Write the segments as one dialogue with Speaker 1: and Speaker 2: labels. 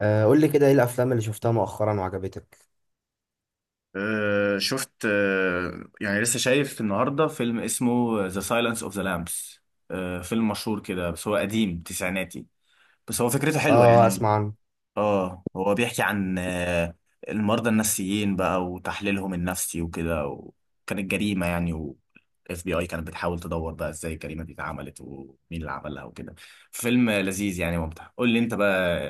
Speaker 1: قول لي كده، ايه الافلام اللي شفتها مؤخرا وعجبتك؟
Speaker 2: شفت، يعني لسه شايف النهارده فيلم اسمه ذا سايلنس اوف ذا لامبس. فيلم مشهور كده، بس هو قديم تسعيناتي. بس هو فكرته حلوه
Speaker 1: اه،
Speaker 2: يعني.
Speaker 1: اسمع عنه.
Speaker 2: اه هو بيحكي عن المرضى النفسيين بقى وتحليلهم النفسي وكده، وكانت جريمه يعني، والاف بي اي كانت بتحاول تدور بقى ازاي الجريمه دي اتعملت ومين اللي عملها وكده. فيلم لذيذ يعني، ممتع. قول لي انت بقى،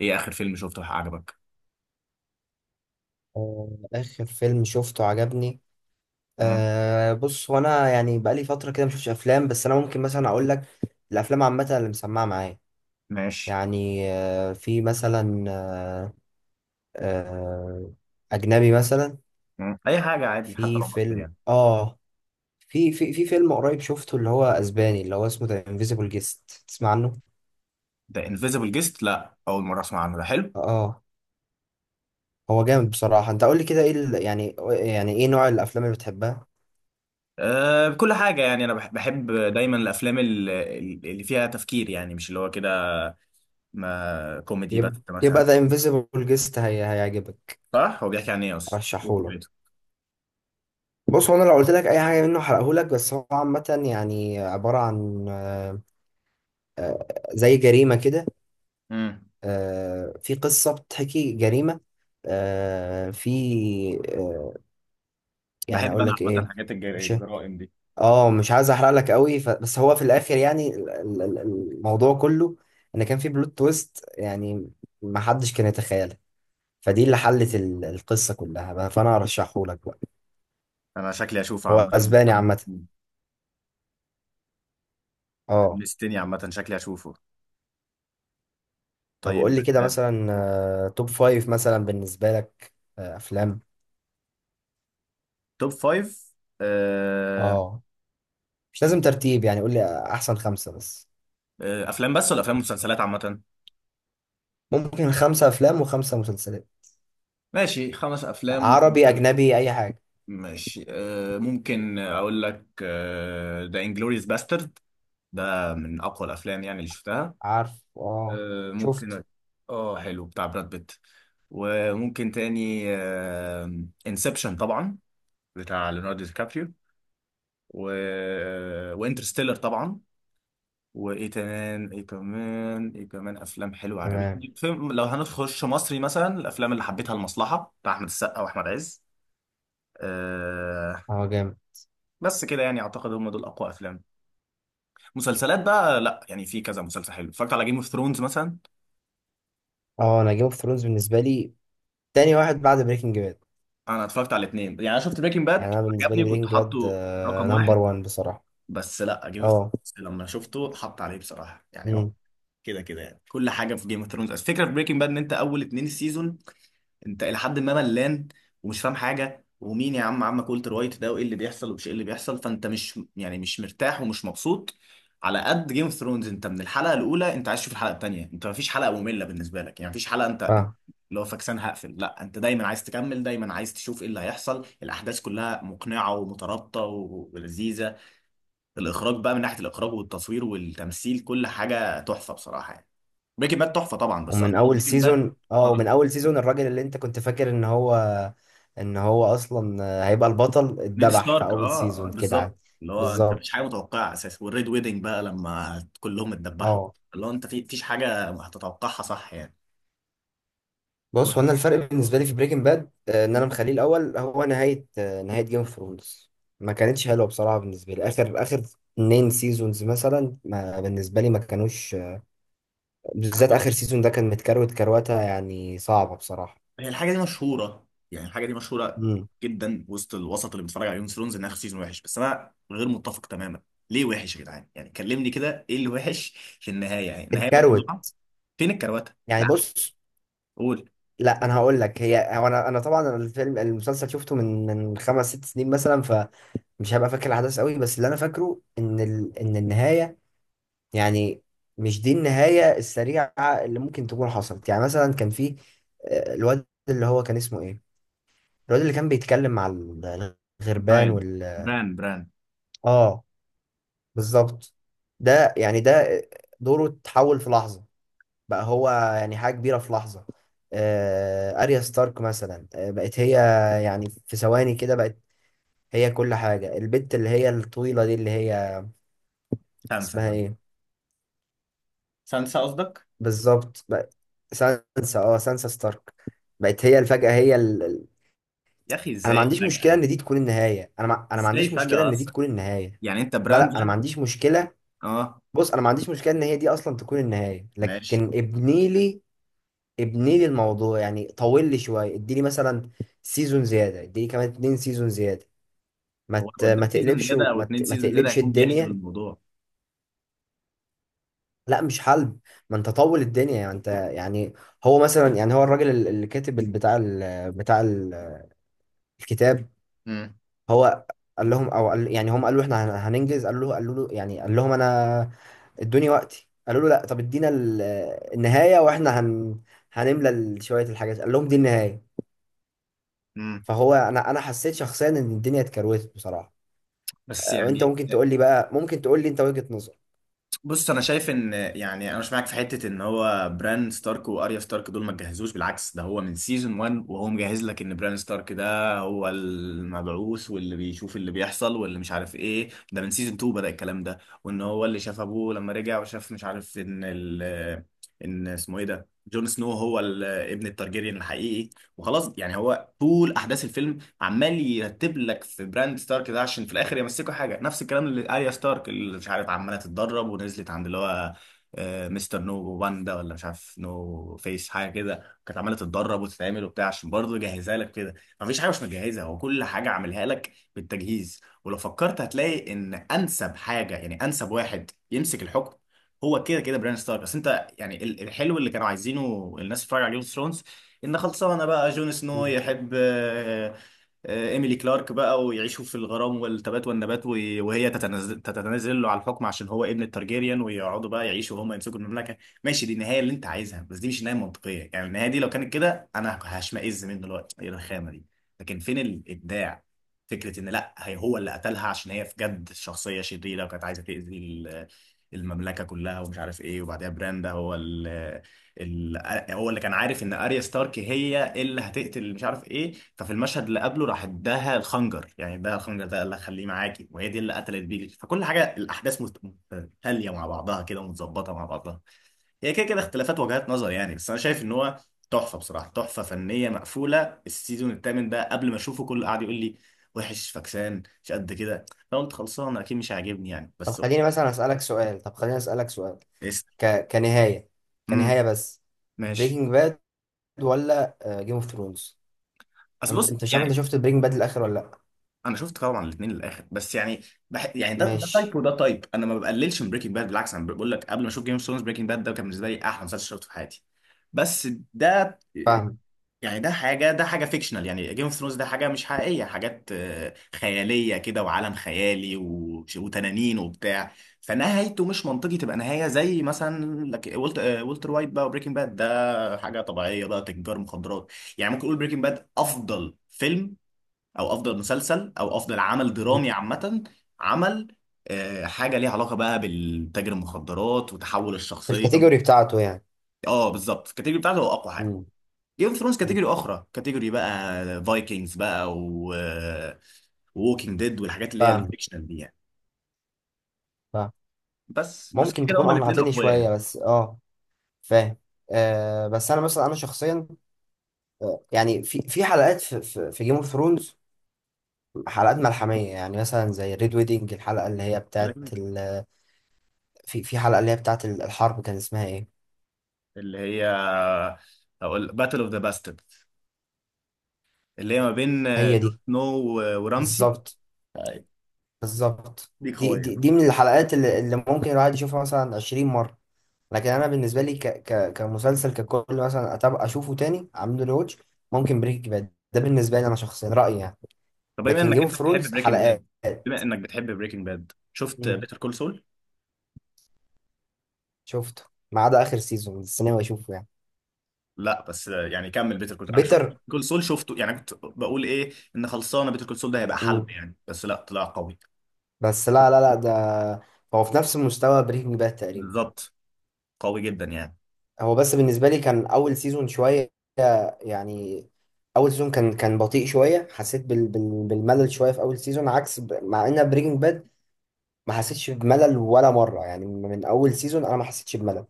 Speaker 2: ايه اخر فيلم شفته عجبك؟
Speaker 1: اخر فيلم شفته عجبني.
Speaker 2: مم،
Speaker 1: بص، هو انا يعني بقالي فتره كده مشوفش افلام، بس انا ممكن مثلا اقول لك الافلام عامه اللي مسمعه معايا.
Speaker 2: ماشي.
Speaker 1: يعني في مثلا آه اجنبي مثلا.
Speaker 2: مم، اي حاجه عادي حتى
Speaker 1: في
Speaker 2: لو مصري
Speaker 1: فيلم
Speaker 2: يعني.
Speaker 1: في فيلم قريب شفته، اللي هو اسباني، اللي هو اسمه ذا انفيزيبل جيست، تسمع عنه؟
Speaker 2: ده انفيزيبل جيست، لا اول مره اسمع عنه، ده حلو.
Speaker 1: اه، هو جامد بصراحه. انت قول لي كده، ايه يعني ايه نوع الافلام اللي بتحبها؟
Speaker 2: أه، بكل حاجه يعني، انا بحب دايما الافلام اللي فيها تفكير، يعني مش اللي هو كده ما كوميدي بس
Speaker 1: يبقى
Speaker 2: مثلا.
Speaker 1: ذا انفيزيبل جيست هي هيعجبك،
Speaker 2: صح، هو بيحكي عن ايه اصلا، إيه
Speaker 1: ارشحهولك.
Speaker 2: فكرته؟
Speaker 1: بص، هو انا لو قلت لك اي حاجه منه هحرقهولك، بس هو عامه يعني عباره عن آه، زي جريمه كده.
Speaker 2: امم.
Speaker 1: في قصه بتحكي جريمه. في آه، يعني
Speaker 2: بحب
Speaker 1: اقول
Speaker 2: انا
Speaker 1: لك
Speaker 2: عامه
Speaker 1: ايه؟
Speaker 2: حاجات
Speaker 1: مش
Speaker 2: الجرائم دي.
Speaker 1: اه مش عايز احرق لك قوي، بس هو في الاخر يعني الموضوع كله، ان كان في بلوت تويست يعني ما حدش كان يتخيلها، فدي اللي حلت القصه كلها بقى، فانا هرشحهولك بقى.
Speaker 2: انا شكلي اشوفه
Speaker 1: هو
Speaker 2: عامه.
Speaker 1: اسباني عامة، اه
Speaker 2: حمستني عامه، شكلي اشوفه.
Speaker 1: طب
Speaker 2: طيب،
Speaker 1: قول لي كده مثلا، توب فايف مثلا بالنسبة لك، افلام،
Speaker 2: توب فايف. أه،
Speaker 1: اه مش لازم ترتيب، يعني قول لي احسن خمسة بس.
Speaker 2: افلام بس ولا افلام ومسلسلات عامه؟
Speaker 1: ممكن خمسة افلام وخمسة مسلسلات،
Speaker 2: ماشي، خمس افلام.
Speaker 1: عربي، اجنبي، اي حاجة.
Speaker 2: ماشي، ممكن اقول لك ذا انجلوريوس باسترد. ده من اقوى الافلام يعني اللي شفتها.
Speaker 1: عارف، اه. شفت.
Speaker 2: ممكن، اه حلو، بتاع براد بيت. وممكن تاني، انسبشن طبعا، بتاع ليوناردو دي كابريو. و آه، وانترستيلر طبعا. وايه كمان ايه كمان ايه كمان، افلام حلوه
Speaker 1: تمام.
Speaker 2: عجبتني. فيلم لو هنخش مصري مثلا، الافلام اللي حبيتها المصلحه بتاع احمد السقا واحمد عز. أه.
Speaker 1: اه، جامد.
Speaker 2: بس كده يعني، اعتقد هم دول اقوى افلام. مسلسلات بقى، لا يعني في كذا مسلسل حلو، اتفرجت على جيم اوف ثرونز مثلا.
Speaker 1: اه، انا جيم اوف ثرونز بالنسبة لي تاني واحد بعد بريكنج باد.
Speaker 2: انا اتفرجت على الاثنين يعني، انا شفت بريكنج
Speaker 1: يعني
Speaker 2: باد.
Speaker 1: انا بالنسبة لي
Speaker 2: عجبني، كنت
Speaker 1: بريكنج باد
Speaker 2: حاطه رقم
Speaker 1: نمبر
Speaker 2: واحد.
Speaker 1: وان بصراحة.
Speaker 2: بس لا، جيم اوف
Speaker 1: اه.
Speaker 2: ثرونز لما شفته حط عليه بصراحه يعني.
Speaker 1: امم
Speaker 2: كده كده يعني، كل حاجه في جيم اوف ثرونز. الفكره في بريكنج باد ان انت اول اثنين سيزون انت الى حد ما ملان، ومش فاهم حاجه، ومين يا عم عمك والتر وايت ده، وايه اللي بيحصل ومش ايه اللي بيحصل، فانت مش يعني مش مرتاح ومش مبسوط. على قد جيم اوف ثرونز، انت من الحلقه الاولى انت عايز تشوف الحلقه الثانيه، انت مفيش حلقه ممله بالنسبه لك يعني، مفيش حلقه انت انت اللي هو فاكسان هقفل، لا انت دايما عايز تكمل، دايما عايز تشوف ايه اللي هيحصل. الاحداث كلها مقنعه ومترابطه ولذيذه. الاخراج بقى من ناحيه الاخراج والتصوير والتمثيل، كل حاجه تحفه بصراحه يعني. بريكنج باد تحفه طبعا، بس
Speaker 1: ومن
Speaker 2: قصدي
Speaker 1: اول
Speaker 2: بريكنج باد.
Speaker 1: سيزون اه ومن اول سيزون الراجل اللي انت كنت فاكر ان هو اصلا هيبقى البطل،
Speaker 2: نيد
Speaker 1: اتذبح في
Speaker 2: ستارك،
Speaker 1: اول
Speaker 2: اه،
Speaker 1: سيزون كده عادي.
Speaker 2: بالظبط، اللي هو انت
Speaker 1: بالظبط.
Speaker 2: مفيش حاجه متوقعه اساسا، والريد ويدنج بقى لما كلهم اتدبحوا،
Speaker 1: اه،
Speaker 2: اللي هو انت في فيش حاجه هتتوقعها صح يعني. و...
Speaker 1: بص، هو انا الفرق بالنسبه لي في بريكنج باد ان انا مخليه الاول، هو نهايه جيم اوف ثرونز ما كانتش حلوه بصراحه. بالنسبه لي اخر اخر اتنين سيزونز مثلا، ما بالنسبه لي ما كانوش بالذات اخر سيزون ده كان متكروت، كروته يعني صعبه بصراحه.
Speaker 2: هي الحاجه دي مشهوره يعني، الحاجه دي مشهوره
Speaker 1: امم
Speaker 2: جدا وسط الوسط اللي بيتفرج على جيم اوف ثرونز انها سيزون وحش، بس انا غير متفق تماما. ليه وحش يا جدعان يعني؟ كلمني كده، ايه اللي وحش؟ في النهايه يعني نهايه
Speaker 1: اتكروت،
Speaker 2: مقنعه. فين الكروته؟
Speaker 1: يعني
Speaker 2: لا،
Speaker 1: بص.
Speaker 2: قول.
Speaker 1: لا، انا هقول لك، هو انا طبعا الفيلم المسلسل شفته من خمس ست سنين مثلا، فمش هبقى فاكر الاحداث قوي، بس اللي انا فاكره ان النهايه يعني، مش دي النهايه السريعه اللي ممكن تكون حصلت. يعني مثلا كان في الواد اللي هو كان اسمه ايه، الواد اللي كان بيتكلم مع الغربان
Speaker 2: براين،
Speaker 1: وال...
Speaker 2: بران.
Speaker 1: اه، بالظبط. ده دوره اتحول في لحظه، بقى هو يعني حاجة كبيرة في لحظة. أريا ستارك مثلا، بقت هي، يعني في ثواني كده بقت هي كل حاجة. البنت اللي هي الطويلة دي، اللي هي
Speaker 2: سانسا،
Speaker 1: اسمها
Speaker 2: بران.
Speaker 1: ايه،
Speaker 2: سانسا قصدك.
Speaker 1: بالظبط، بقت سانسا ستارك، بقت هي الفجأة هي
Speaker 2: يا اخي
Speaker 1: انا ما
Speaker 2: ازاي
Speaker 1: عنديش
Speaker 2: فجاه
Speaker 1: مشكلة ان
Speaker 2: يعني؟
Speaker 1: دي تكون النهاية. انا ما
Speaker 2: ازاي
Speaker 1: عنديش مشكلة
Speaker 2: فجاه؟
Speaker 1: ان دي تكون النهاية.
Speaker 2: يعني انت
Speaker 1: لا،
Speaker 2: براند
Speaker 1: لا، انا ما
Speaker 2: ده.
Speaker 1: عنديش مشكلة.
Speaker 2: اه،
Speaker 1: بص، انا ما عنديش مشكلة ان هي دي اصلا تكون النهاية،
Speaker 2: ماشي.
Speaker 1: لكن ابني لي، ابني لي الموضوع، يعني طول لي شويه، اديني مثلا سيزون زياده، اديني كمان اتنين سيزون زياده، ما
Speaker 2: هو
Speaker 1: ت-
Speaker 2: لو
Speaker 1: ما
Speaker 2: اداك سيزون
Speaker 1: تقلبش،
Speaker 2: زياده او
Speaker 1: وما
Speaker 2: اتنين
Speaker 1: ت- ما
Speaker 2: سيزون زياده
Speaker 1: تقلبش
Speaker 2: هيكون بيحلب
Speaker 1: الدنيا.
Speaker 2: الموضوع.
Speaker 1: لا، مش حلب. ما انت طول الدنيا يعني، انت يعني هو مثلا، يعني هو الراجل اللي كاتب بتاع الكتاب.
Speaker 2: امم.
Speaker 1: هو قال لهم او قال، يعني هم قالوا احنا هننجز. قالوا له، يعني قال لهم انا ادوني وقتي، قالوا له لا، طب ادينا النهايه واحنا هنملى شويه الحاجات، قال لهم دي النهايه.
Speaker 2: امم،
Speaker 1: فهو، انا حسيت شخصيا ان الدنيا اتكروتت بصراحه.
Speaker 2: بس
Speaker 1: وانت
Speaker 2: يعني
Speaker 1: ممكن تقول لي بقى، ممكن تقول لي انت وجهه نظر.
Speaker 2: بص، انا شايف ان يعني، انا مش معاك في حته ان هو بران ستارك واريا ستارك دول ما تجهزوش، بالعكس ده هو من سيزون 1 وهو مجهز لك ان بران ستارك ده هو المبعوث واللي بيشوف اللي بيحصل واللي مش عارف ايه، ده من سيزون 2 بدأ الكلام ده. وان هو اللي شاف ابوه لما رجع وشاف، مش عارف ان ان اسمه ايه ده جون سنو هو ابن التارجيريان الحقيقي. وخلاص يعني، هو طول احداث الفيلم عمال يرتب لك في براند ستارك ده عشان في الاخر يمسكوا حاجه. نفس الكلام اللي اريا ستارك اللي مش عارف عماله تتدرب ونزلت عند اللي هو مستر نو واندا ولا مش عارف نو فيس، حاجه كده كانت عماله تتدرب وتتعمل وبتاع عشان برضه يجهزها لك كده. مفيش حاجه مش مجهزها، هو كل حاجه عاملها لك بالتجهيز. ولو فكرت هتلاقي ان انسب حاجه يعني انسب واحد يمسك الحكم هو كده كده بران ستارك. اصل انت يعني الحلو اللي كانوا عايزينه الناس تتفرج على جيم اوف ثرونز ان خلصانه بقى جون سنو
Speaker 1: مم.
Speaker 2: يحب إيميلي كلارك بقى، ويعيشوا في الغرام والتبات والنبات، وهي تتنازل له على الحكم عشان هو ابن الترجيريان، ويقعدوا بقى يعيشوا وهم يمسكوا المملكة. ماشي، دي النهاية اللي أنت عايزها، بس دي مش نهاية منطقية يعني، النهاية دي لو كانت كده أنا هشمئز منه دلوقتي. إيه الرخامة دي؟ لكن فين الإبداع؟ فكرة إن لأ، هي هو اللي قتلها عشان هي في جد شخصية شريرة، وكانت عايزة تأذي المملكة كلها ومش عارف إيه. وبعدها براندا هو يعني هو اللي كان عارف ان اريا ستارك هي اللي هتقتل مش عارف ايه، ففي المشهد اللي قبله راح اداها الخنجر، يعني اداها الخنجر ده قال لها خليه معاكي، وهي دي اللي قتلت بيه. فكل حاجه الاحداث متتاليه مع بعضها كده، ومتظبطه مع بعضها. هي كده كده اختلافات وجهات نظر يعني، بس انا شايف ان هو تحفه بصراحه، تحفه فنيه مقفوله. السيزون الثامن ده قبل ما اشوفه كل قاعد يقول لي وحش، فكسان مش قد كده، فقلت خلصان اكيد مش هيعجبني يعني.
Speaker 1: طب
Speaker 2: بس
Speaker 1: خليني مثلا اسالك سؤال، طب خليني اسالك سؤال،
Speaker 2: اس،
Speaker 1: كنهايه،
Speaker 2: امم،
Speaker 1: كنهايه بس،
Speaker 2: ماشي.
Speaker 1: بريكنج باد ولا جيم اوف ثرونز؟
Speaker 2: اصل بص
Speaker 1: انت
Speaker 2: يعني،
Speaker 1: شفت بريكنج باد الاخر ولا لا؟
Speaker 2: انا شفت طبعا الاثنين للاخر بس يعني يعني، ده تايب
Speaker 1: ماشي.
Speaker 2: وده تايب. انا ما بقللش من بريكنج باد بالعكس، انا بقول لك قبل ما اشوف جيم اوف ثرونز بريكنج باد ده كان بالنسبه لي احلى مسلسل شفته في حياتي. بس ده
Speaker 1: فاهم.
Speaker 2: يعني، ده حاجه فيكشنال يعني. جيم اوف ثرونز ده حاجه مش حقيقيه، حاجات خياليه كده، وعالم خيالي وتنانين وبتاع. فنهايته مش منطقي تبقى نهايه زي مثلا لك ولت... آه، والتر وايت بقى. وبريكنج باد ده حاجه طبيعيه بقى تجار مخدرات. يعني ممكن اقول بريكنج باد افضل فيلم، او افضل مسلسل، او افضل عمل
Speaker 1: مم.
Speaker 2: درامي عامه. عمل حاجه ليها علاقه بقى بالتاجر المخدرات وتحول
Speaker 1: في
Speaker 2: الشخصيه.
Speaker 1: الكاتيجوري بتاعته يعني.
Speaker 2: اه بالظبط، الكاتيجوري بتاعته هو اقوى حاجه.
Speaker 1: مم.
Speaker 2: جيم اوف ثرونز
Speaker 1: مم.
Speaker 2: كاتيجوري اخرى، كاتيجوري بقى فايكنجز بقى، و ووكينج ديد والحاجات اللي هي
Speaker 1: فاهم،
Speaker 2: الفيكشنال دي يعني.
Speaker 1: فاهم.
Speaker 2: بس، بس كده
Speaker 1: ممكن
Speaker 2: كده
Speaker 1: تكون
Speaker 2: هما الاثنين
Speaker 1: اقنعتني
Speaker 2: اقوياء
Speaker 1: شويه،
Speaker 2: يعني.
Speaker 1: بس فاهم. بس انا مثلا انا شخصيا، يعني في حلقات، في جيم اوف ثرونز حلقات ملحمية، يعني مثلا زي ريد ويدنج، الحلقة اللي هي
Speaker 2: كده
Speaker 1: بتاعت
Speaker 2: كده.
Speaker 1: في حلقة اللي هي بتاعت الحرب، كان اسمها ايه؟
Speaker 2: اللي هي، هقول باتل اوف ذا باسترد. اللي هي ما بين
Speaker 1: هي
Speaker 2: جون
Speaker 1: دي،
Speaker 2: سنو ورامسي.
Speaker 1: بالظبط،
Speaker 2: آه،
Speaker 1: بالظبط،
Speaker 2: دي
Speaker 1: دي,
Speaker 2: قويه.
Speaker 1: دي دي من الحلقات اللي ممكن الواحد يشوفها مثلا 20 مرة. لكن انا بالنسبة لي كمسلسل ككل، مثلا أتابع أشوفه تاني، أعمل له واتش، ممكن بريك باد ده بالنسبة لي أنا شخصيا رأيي يعني،
Speaker 2: طب بما
Speaker 1: لكن جيم
Speaker 2: انك
Speaker 1: اوف
Speaker 2: انت بتحب
Speaker 1: ثرونز
Speaker 2: بريكنج باد،
Speaker 1: حلقات.
Speaker 2: بما انك بتحب بريكنج باد، شفت
Speaker 1: مم.
Speaker 2: بيتر كول سول؟
Speaker 1: شفته، ما عدا آخر سيزون السينما أشوفه يعني.
Speaker 2: لا بس يعني كمل، بيتر كول انا شفت،
Speaker 1: بيتر.
Speaker 2: كول سول شفته يعني. كنت بقول ايه ان خلصانه بيتر كول سول ده هيبقى حلب يعني، بس لا طلع قوي.
Speaker 1: بس لا، لا، لا، ده هو في نفس مستوى بريكنج باد تقريبا.
Speaker 2: بالظبط، قوي جدا يعني.
Speaker 1: هو بس بالنسبة لي كان أول سيزون شوية، يعني أول سيزون كان بطيء شوية، حسيت بالملل شوية في أول سيزون، عكس مع إن بريكنج باد ما حسيتش بملل ولا مرة، يعني من أول سيزون أنا ما حسيتش بملل.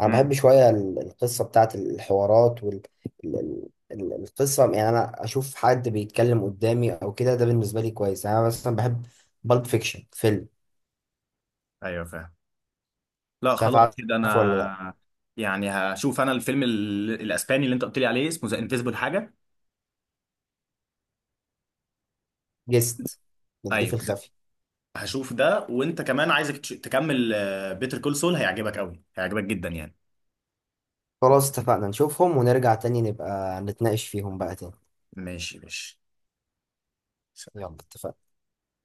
Speaker 1: أنا بحب
Speaker 2: امم،
Speaker 1: شوية القصة بتاعت الحوارات وال القصة يعني. أنا أشوف حد بيتكلم قدامي أو كده، ده بالنسبة لي كويس، يعني أنا مثلا بحب بالب فيكشن فيلم.
Speaker 2: ايوه فاهم. لا
Speaker 1: مش عارف،
Speaker 2: خلاص
Speaker 1: عارفه
Speaker 2: كده، انا
Speaker 1: ولا لأ؟
Speaker 2: يعني هشوف انا الفيلم الاسباني اللي انت قلت لي عليه اسمه ذا انفيزبل حاجه.
Speaker 1: جست، الضيف
Speaker 2: ايوه ده.
Speaker 1: الخفي.
Speaker 2: هشوف ده، وانت كمان عايزك تكمل. بيتر كول سول هيعجبك قوي، هيعجبك جدا يعني.
Speaker 1: خلاص، اتفقنا نشوفهم ونرجع تاني، نبقى نتناقش فيهم بقى تاني.
Speaker 2: ماشي ماشي.
Speaker 1: يلا، اتفقنا.